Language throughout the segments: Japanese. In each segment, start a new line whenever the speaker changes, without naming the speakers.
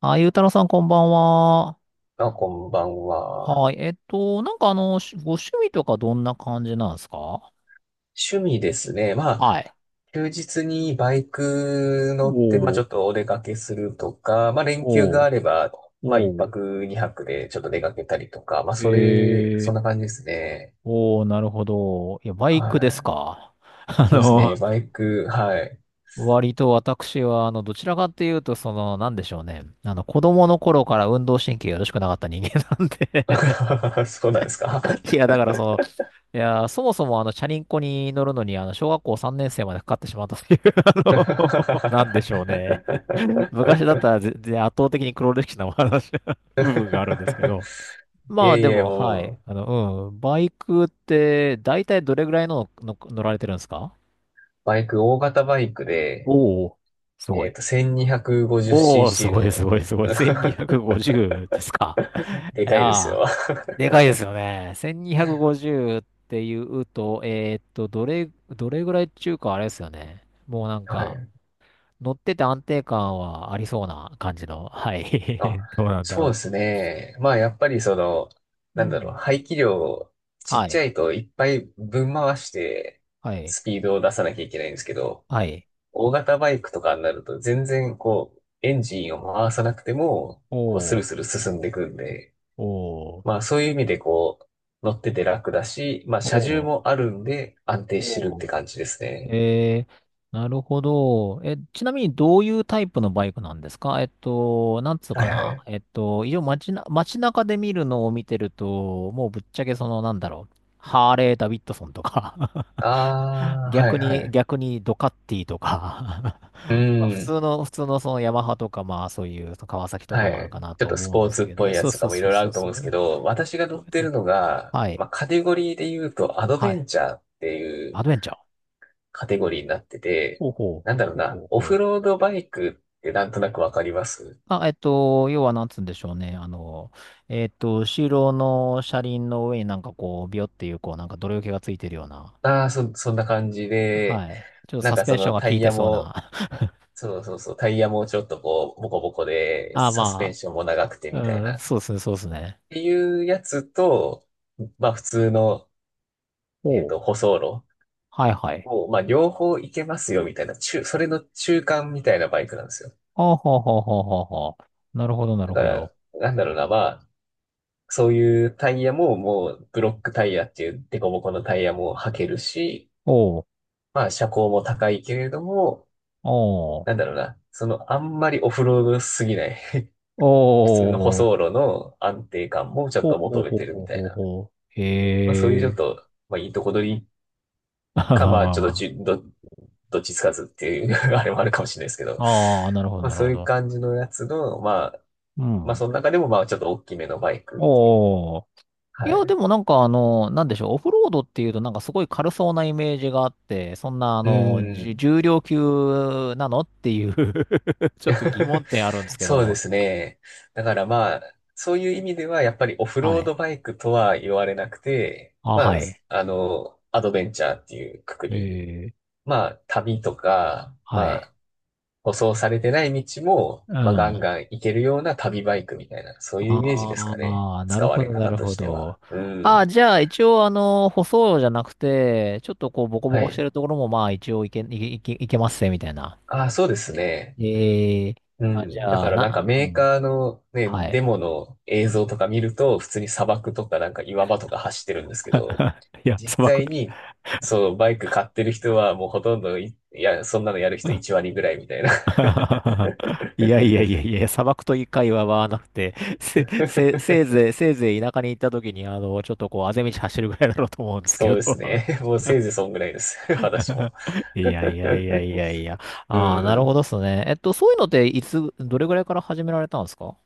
あ、ゆうたろうさん、こんばんは。
あ、こんばんは。
はい。しご趣味とかどんな感じなんですか？
趣味ですね。ま
は
あ、
い。
休日にバイク乗って、まあ
お
ち
ー、
ょっとお出かけするとか、まあ連休
お
が
ー、
あれば、まあ一
おー。
泊二泊でちょっと出かけたりとか、まあ
え
それ、そ
ー、
んな感じですね。
おー、なるほど。いや、バ
は
イクです
い。
か。あ
そうです
の、
ね。バイク、はい。
割と私は、どちらかっていうと、その、なんでしょうね。あの、子供の頃から運動神経がよろしくなかった人間なんで。
そうなんですか。
いや、だからその、いや、そもそもチャリンコに乗るのに、小学校3年生までかかってしまったという、の、なんでしょうね。昔だったら全然圧倒的に黒歴史なお話 部分があるんですけど。
い
まあ
えい
で
え、
も、は
も
い。
う、
バイクって、だいたいどれぐらいの乗られてるんですか？
バイク、大型バイクで、
おおー、すごい。おお、す
1250cc
ごいす
の
ごいすごい。1250ですか。
で
い
かいです
やー、
よ。
でかいですよね。1250っていうと、どれぐらいっていうか、あれですよね。もうなん
は
か、
い。
乗ってて安定感はありそうな感じの。はい。
あ、
どうなんだ
そうで
ろ
すね。まあ、やっぱりその、
う。う
なんだろう、
ん。
排気量ちっ
は
ち
い。
ゃいといっぱいぶん回して、
はい。
スピードを出さなきゃいけないんですけど、
はい。
大型バイクとかになると全然こう、エンジンを回さなくても、こう、ス
お
ルス
ー、
ル進んでいくんで、
お
ま
ー、
あ、そういう意味でこう、乗ってて楽だし、まあ、
お
車重
ー、
もあるんで安定してるっ
お
て
ー。
感じですね。
えー、なるほど。え、ちなみにどういうタイプのバイクなんですか？えっと、なんつう
は
か
いは
な。
い。
えっと、一応街中で見るのを見てると、もうぶっちゃけハーレー・ダビッドソンとか、
ああ、はいはい。
逆にドカッティとか、
う
まあ
ん。
普通のそのヤマハとか、まあそういう川崎とか
は
もある
い。
かな
ちょ
と
っとス
思うん
ポ
で
ー
す
ツっ
け
ぽ
ど、
いや
そう
つと
そ
か
う
もい
そ
ろ
う
いろあ
そう
ると思う
そ
んです
う。
けど、私が乗
どう
って
やっ
る
て。
のが、
はい。
まあ、カテゴリーで言うとアド
は
ベ
い。
ンチャーってい
ア
う
ドベンチャー。
カテゴリーになってて、
ほうほ
なんだろう
う。ほうほ
な、
う
オ
ほ
フ
う。
ロードバイクってなんとなくわかります？
あ、えっと、要はなんつうんでしょうね。後ろの車輪の上になんかこう、ビヨっていう、こう、なんか泥除けがついてるような。
ああー、そんな感じで、
はい。ちょっと
なん
サス
か
ペ
そ
ンショ
の
ンが
タ
効い
イ
て
ヤ
そう
も、
な。
そうそうそう、タイヤもちょっとこう、ボコボコ で、
あ、
サスペン
ま
ションも長くてみたい
う
な、
ん、
っ
そうですね。
ていうやつと、まあ普通の、
ほう。
舗装路。
はいはい。
もう、まあ、両方いけますよ、みたいな、中、それの中間みたいなバイクなんですよ。
あ、ほう。な
だ
る
か
ほ
ら、
ど。
なんだろうな、まあ、そういうタイヤも、もう、ブロックタイヤっていうデコボコのタイヤも履けるし、
おう、
まあ、車高も高いけれども、
おう、
なんだろうな、その、あんまりオフロードすぎない 普通の舗
お
装
う、
路の安定感もちょっ
ほう
と
ほう
求め
ほう
てる
ほ
み
う
たい
ほう
な、
ほう。
まあ、そういうち
へ
ょっ
え。
と、まあ、いいとこ取りか、まあ、ちょっと じゅ
あ
ど、どっちつかずっていう あれもあるかもしれないですけど、
あ、
まあ
なる
そう
ほ
いう
ど。
感じのやつの、まあ
う
まあ、
ん。
その中でも、まあ、ちょっと大きめのバイクっていう。
おー。い
は
や、
い。
でもなんかあの、なんでしょう、オフロードっていうとなんかすごい軽そうなイメージがあって、そんな
うん。
重量級なのっていう、 ちょっと疑問 点あるんですけ
そうで
ど。
すね。だからまあ、そういう意味では、やっぱりオフ
は
ロード
い。
バイクとは言われなくて、
あ、
ま
は
あ、
い。
アドベンチャーっていうくく
え
り。
え。
まあ、旅とか、
は
ま
い。
あ、舗装されてない道も、
うん。
まあ、ガン
あ
ガン行けるような旅バイクみたいな、そういうイメージですかね。
あ、
使われ
な
方
る
と
ほ
して
ど。
は。う
ああ、
ん。
じゃあ一応あの、舗装じゃなくて、ちょっとこう、ボコボ
は
コして
い。
るところもまあ一応いけますね、みたいな。
ああ、そうですね。
ええ。
う
あ、じ
ん。だ
ゃ
か
あ、
らなんかメ
う
ー
ん。
カーのね、
は
デ
い。
モの映像とか見ると、普通に砂漠とかなんか岩場とか走ってるんですけど、
いや
実
砂漠、
際に、そう、バイク買ってる人はもうほとんどいや、そんなのやる人1割ぐらいみたいな。
いや、砂漠という会話はなくて、せいせいせい ぜいせいぜい田舎に行った時にあのちょっとこうアぜ道走るぐらいなのと思うんですけ
そう
ど。
ですね。もうせいぜいそんぐらいです。私も。
いや いやいやいやいや
う
ああなるほ
ん。
どですね。えっとそういうのでいつどれぐらいから始められたんですか？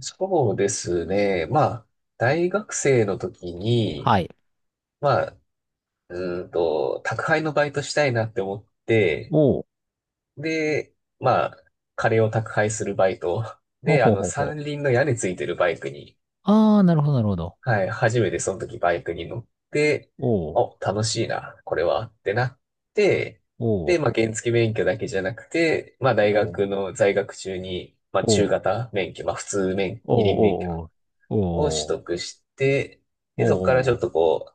そうですね。まあ、大学生の時
は
に、
い。
まあ、宅配のバイトしたいなって思って、
お。
で、まあ、カレーを宅配するバイト。
ほ
で、
ほほ
三
ほ。
輪の屋根ついてるバイクに、
ああ、なるほど。
はい、初めてその時バイクに乗って、
おお
お、楽しいな、これは、ってなって、
お
で、まあ、原付免許だけじゃなくて、まあ、大
お
学の在学中に、まあ、
お
中
お
型免許、まあ、普通免、
お
二輪免許
おお
を取
お
得して、
お
で、そこからち
お
ょっ
お
とこう、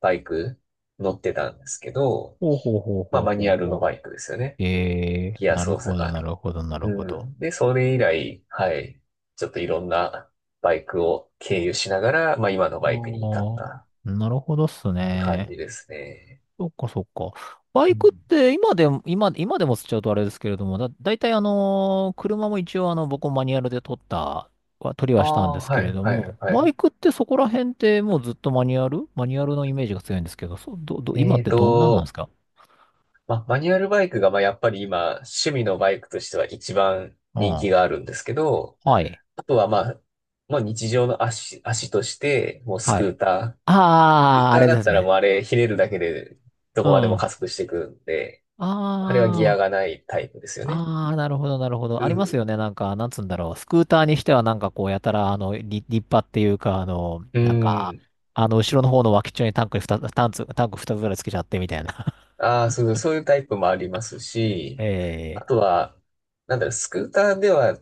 バイク乗ってたんですけど、
ほほほ
まあ、
ほ
マニュ
ほ
アルの
ほ。
バイクですよね。
え
ギ
ー、
ア操作がある。
なる
う
ほど。
ん。で、それ以来、はい。ちょっといろんなバイクを経由しながら、まあ今のバイクに至った
あ
っ
あ、なるほどっす
て感
ね。
じですね。
そっか。バ
う
イ
ん。
クって今でも、今でもつっちゃうとあれですけれども、だいたいあのー車も一応あの、僕もマニュアルで取った、取りは
あ
したん
あ、
ですけ
は
れ
い、
ど
はい、
も、
は
バ
い。
イクってそこら辺ってもうずっとマニュアルのイメージが強いんですけど、そう、今っ
えー
てどんなんなんです
と、
か？
まあマニュアルバイクが、まあやっぱり今、趣味のバイクとしては一番
う
人気
ん。
があるんですけど、
はい。
あとはまあ、まあ日常の足、足として、もうス
は
ク
い。
ーター。スク
あ
ー
あ、
タ
あ
ー
れ
だ
で
っ
す
たらもう
ね。
あれ、ひねるだけでど
う
こまで
ん。
も加
あ
速していくんで、あれはギア
あ。
がないタイプですよね。
ああ、なるほど。
う
ありますよ
ん。
ね。なんか、なんつうんだろう。スクーターにしては、なんかこう、やたら、立派っていうか、
うん。
後ろの方の脇っちょにタンクにふたタンク、タンク2つぐらいつけちゃって、みたいな。
ああ、そうそう、そういうタイプもありますし、
ええ、
あとは、なんだろう、スクーターでは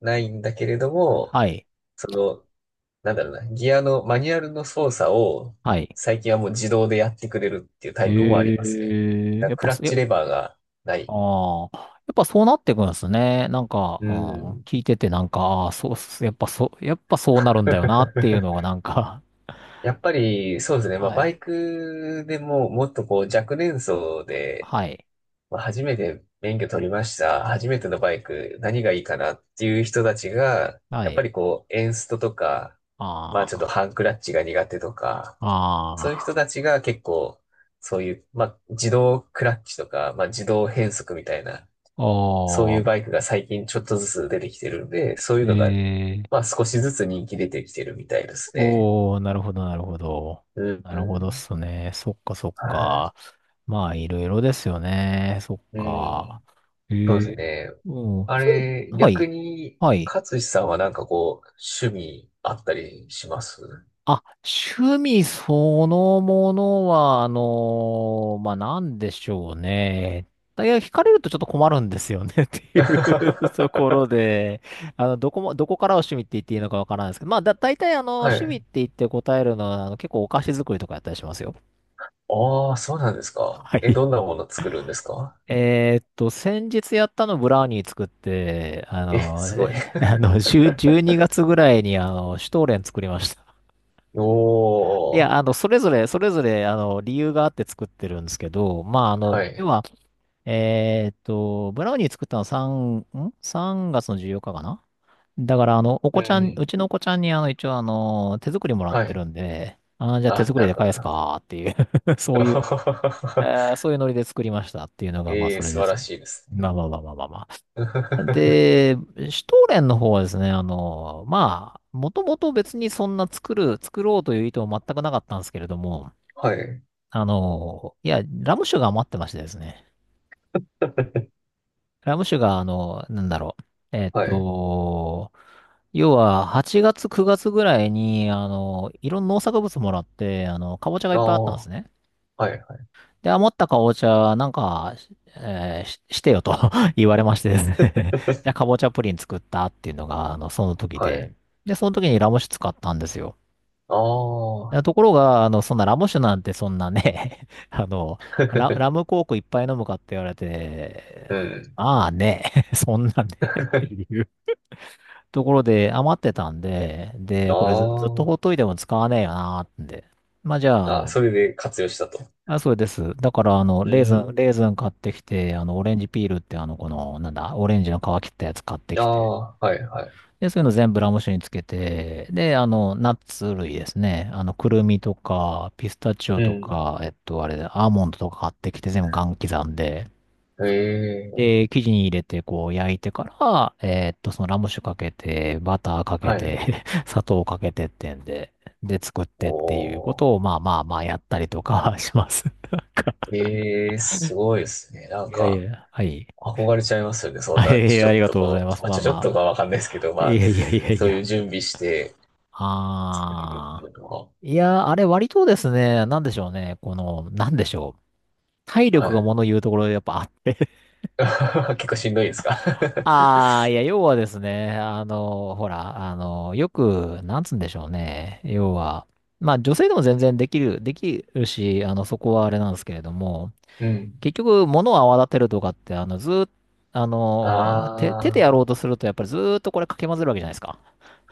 ないんだけれども、
はい、
その、なんだろうな、ギアの、マニュアルの操作を、
はい。
最近はもう自動でやってくれるっていうタイプもありますね。
ええ
だから
やっ
ク
ぱ、
ラッ
や、
チレバーがない。
ああ、やっぱそうなってくんですね。
うん。
聞いてて、なんか、ああ、そうっす、やっぱそうなるんだよな、っていう のが、なんか、
やっぱり、そうです ね。まあ、
は
バ
い、
イクでも、もっとこう、若年層で、
はい、
まあ初めて免許取りました。初めてのバイク、何がいいかなっていう人たちが、
は
やっぱ
い。
りこう、エンストとか、まあちょっと
あ
ハンクラッチが苦手とか、そういう人
あ、あ
たちが結構、そういう、まあ自動クラッチとか、まあ自動変速みたいな、
あ、
そうい
お
う
ー。
バイクが最近ちょっとずつ出てきてるんで、そういう
え
のが、
ー、
まあ少しずつ人気出てきてるみたいですね。
おー、なるほど。
う
なるほどっ
ん。
すね。そっか。
は
まあ、いろいろですよね。そっ
い。う
か。
ん。
え
そうです
ー、
ね。
うん、
あ
それ、
れ、
は
逆
い。
に、
はい。
勝志さんはなんかこう、趣味あったりします？
あ、趣味そのものは、なんでしょうね。だいや、惹かれるとちょっと困るんですよね。 ってい うとこ
は
ろで、どこからを趣味って言っていいのかわからないですけど、まあ、大体あの、趣味っ
い。
て言って答えるのは、結構お菓子作りとかやったりしますよ。
ああ、そうなんです か。
は
え、
い。
どんなもの作るんですか？
えーっと、先日やったのブラウニー作って、あ
え、
の、
すごい。
えあの、10、 12月ぐらいにシュトーレン作りました。い
お
や、あ
ー。
の、それぞれ、理由があって作ってるんですけど、まあ、あ
は
の、要
い。
は、えーっと、ブラウニー作ったの3、ん？ 3 月の14日かかな。だから、あの、お
う
子ちゃん、
ん。
うちのお子ちゃんに、あの、一応、あの、手作りもらっ
は
て
い。
るんで、あー、じゃあ手
あ、
作り
な
で
るほど。
返すかっていう、 そういう、え ーそういうノリで作りましたっていうのが、まあ、
え
そ
ー、
れ
素
で
晴
す。
らしいです
ま
ね。
あまあまあまあまあまあ。で、シュトーレンの方はですね、あの、まあ、もともと別にそんな作ろうという意図は全くなかったんですけれども、
はい。
あの、いや、ラム酒が余ってましてですね。ラム酒が、あの、なんだろう。えっ
はい。
と、要は、8月、9月ぐらいに、いろんな農作物もらって、かぼちゃがい
あ
っぱいあったんで
あ、
すね。
はい。
で、余ったかぼちゃ、なんか、えーし、してよと 言われましてですね。 じゃあ、かぼちゃプリン作ったっていうのが、あの、その時
は
で。
い。
で、その時にラム酒使ったんですよ。
あ
あ
あ。
ところが、あの、そんなラム酒なんてそんなね、あの、ラム コークいっぱい飲むかって言われ
う
て、
ん。
ああね、そんなね、 っていうところで余ってたんで、
あ
で、これずっとほっ
あ。
といても使わねえよなーってんで。まあじゃあ、あ
あ、
の、
それで活用したと。
あ、そうです。だから、あの、
うーん。
レーズン買ってきて、あの、オレンジピールって、あの、この、なんだ、オレンジの皮切ったやつ買って
あ
きて、
あ、はいはい。
で、そういうの全部ラム酒につけて、で、あの、ナッツ類ですね。あの、くるみとか、ピスタチオ
う
と
ん。
か、えっと、あれ、アーモンドとか買ってきて全部ガン刻んで、
ええ、
で、生地に入れて、こう、焼いてから、えっと、そのラム酒かけて、バターかけ
はい。
て、砂糖かけてってんで、で、作ってっていうこ
おー。
とを、やったりとか します。なんか、
ええ、すごいですね。な
い
ん
やい
か、
や、はい。
憧れちゃいますよね。そん
はい
な、
やい
ち
や、
ょ
あ
ちょ
り
っ
が
と
とうござい
こ
ま
う、
す。
まあ、
ま
ち
あ
ょちょっと
ま
かわかんないですけど、ま
あ。い
あ、
やいやいやい
そういう
や。
準備して作れるってい
ああ。
うのは、
いやー、あれ割とですね、なんでしょうね。この、なんでしょう。体
は
力が
い。
物言うところでやっぱあって。
結構しんどいですか？
ああ、いや、要はですね、あの、ほら、あの、よく、なんつうんでしょうね。要は、まあ女性でも全然できるし、あの、そこはあれなんですけれども、
うん。
結局、物を泡立てるとかって、あの、ずーっと、あの、手でやろう
ああ、
とすると、やっぱりずーっとこれかき混ぜるわけじゃないですか。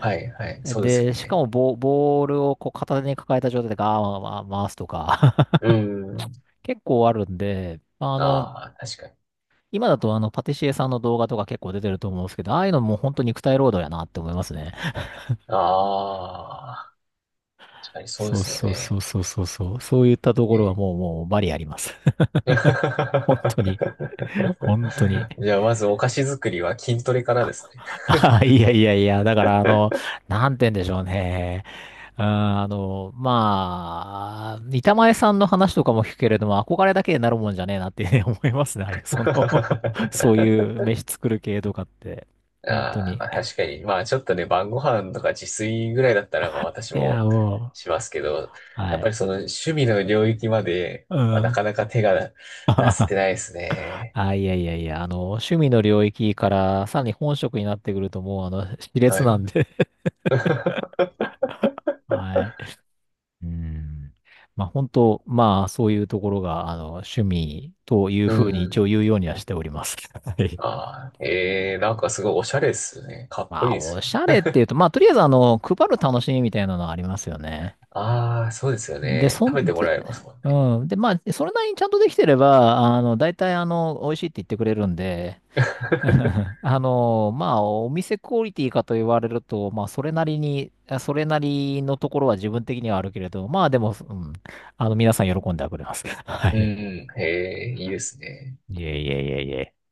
はいはい。そうですよ
で、しか
ね。
もボールをこう片手に抱えた状態でガーッ回すとか、
うん。
結構あるんで、あの、
ああ、確かに。
今だとあの、パティシエさんの動画とか結構出てると思うんですけど、ああいうのも本当肉体労働やなって思いますね。
ああ、確かにそうで
そう
すよ
そうそ
ね。
うそうそうそう。そういったところは
え
も
ー
うもうバリあります。本当に。本当に。
じゃあ、まずお菓子作りは筋トレからですね。
ああ、いやいやいや、だからあの、なんて言うんでしょうね。うんあの、まあ、板前さんの話とかも聞くけれども、憧れだけになるもんじゃねえなって ね思いますね。ああいうその そう いう飯作る系とかって。本当
ああ、
に。
まあ確かに。まあちょっとね、晩ご飯とか自炊ぐらいだったら、まあ私
いや、
も
もう。
しますけど、
は
やっぱり
い。
その趣味の領域まで、
う
まあ、な
ん。
かなか手が出せ てないですね。
あ、あの、趣味の領域からさらに本職になってくるともう、あの、熾烈
は
な
い。
んで。はい。うん。本当、まあ、そういうところが、あの、趣味という
う
ふうに一応
ん。
言うようにはしております。はい。
ああ、ええなんかすごいおしゃれですね。かっこい
ま
い
あ、
で
お
すね。
しゃれっていうと、まあ、とりあえず、あの、配る楽しみみたいなのはありますよね。
ああ、そうですよ
で、
ね。
そ
食べ
ん
ても
で、
らえますもん
う
ね。
ん。で、まあ、それなりにちゃんとできてれば、あの、大体、あの、美味しいって言ってくれるんで、あの、まあ、お店クオリティかと言われると、まあ、それなりに、あそれなりのところは自分的にはあるけれど、まあ、でも、うん、あの、皆さん喜んではくれます。は
う
い。
ん、へえ、いいですね。
いえ。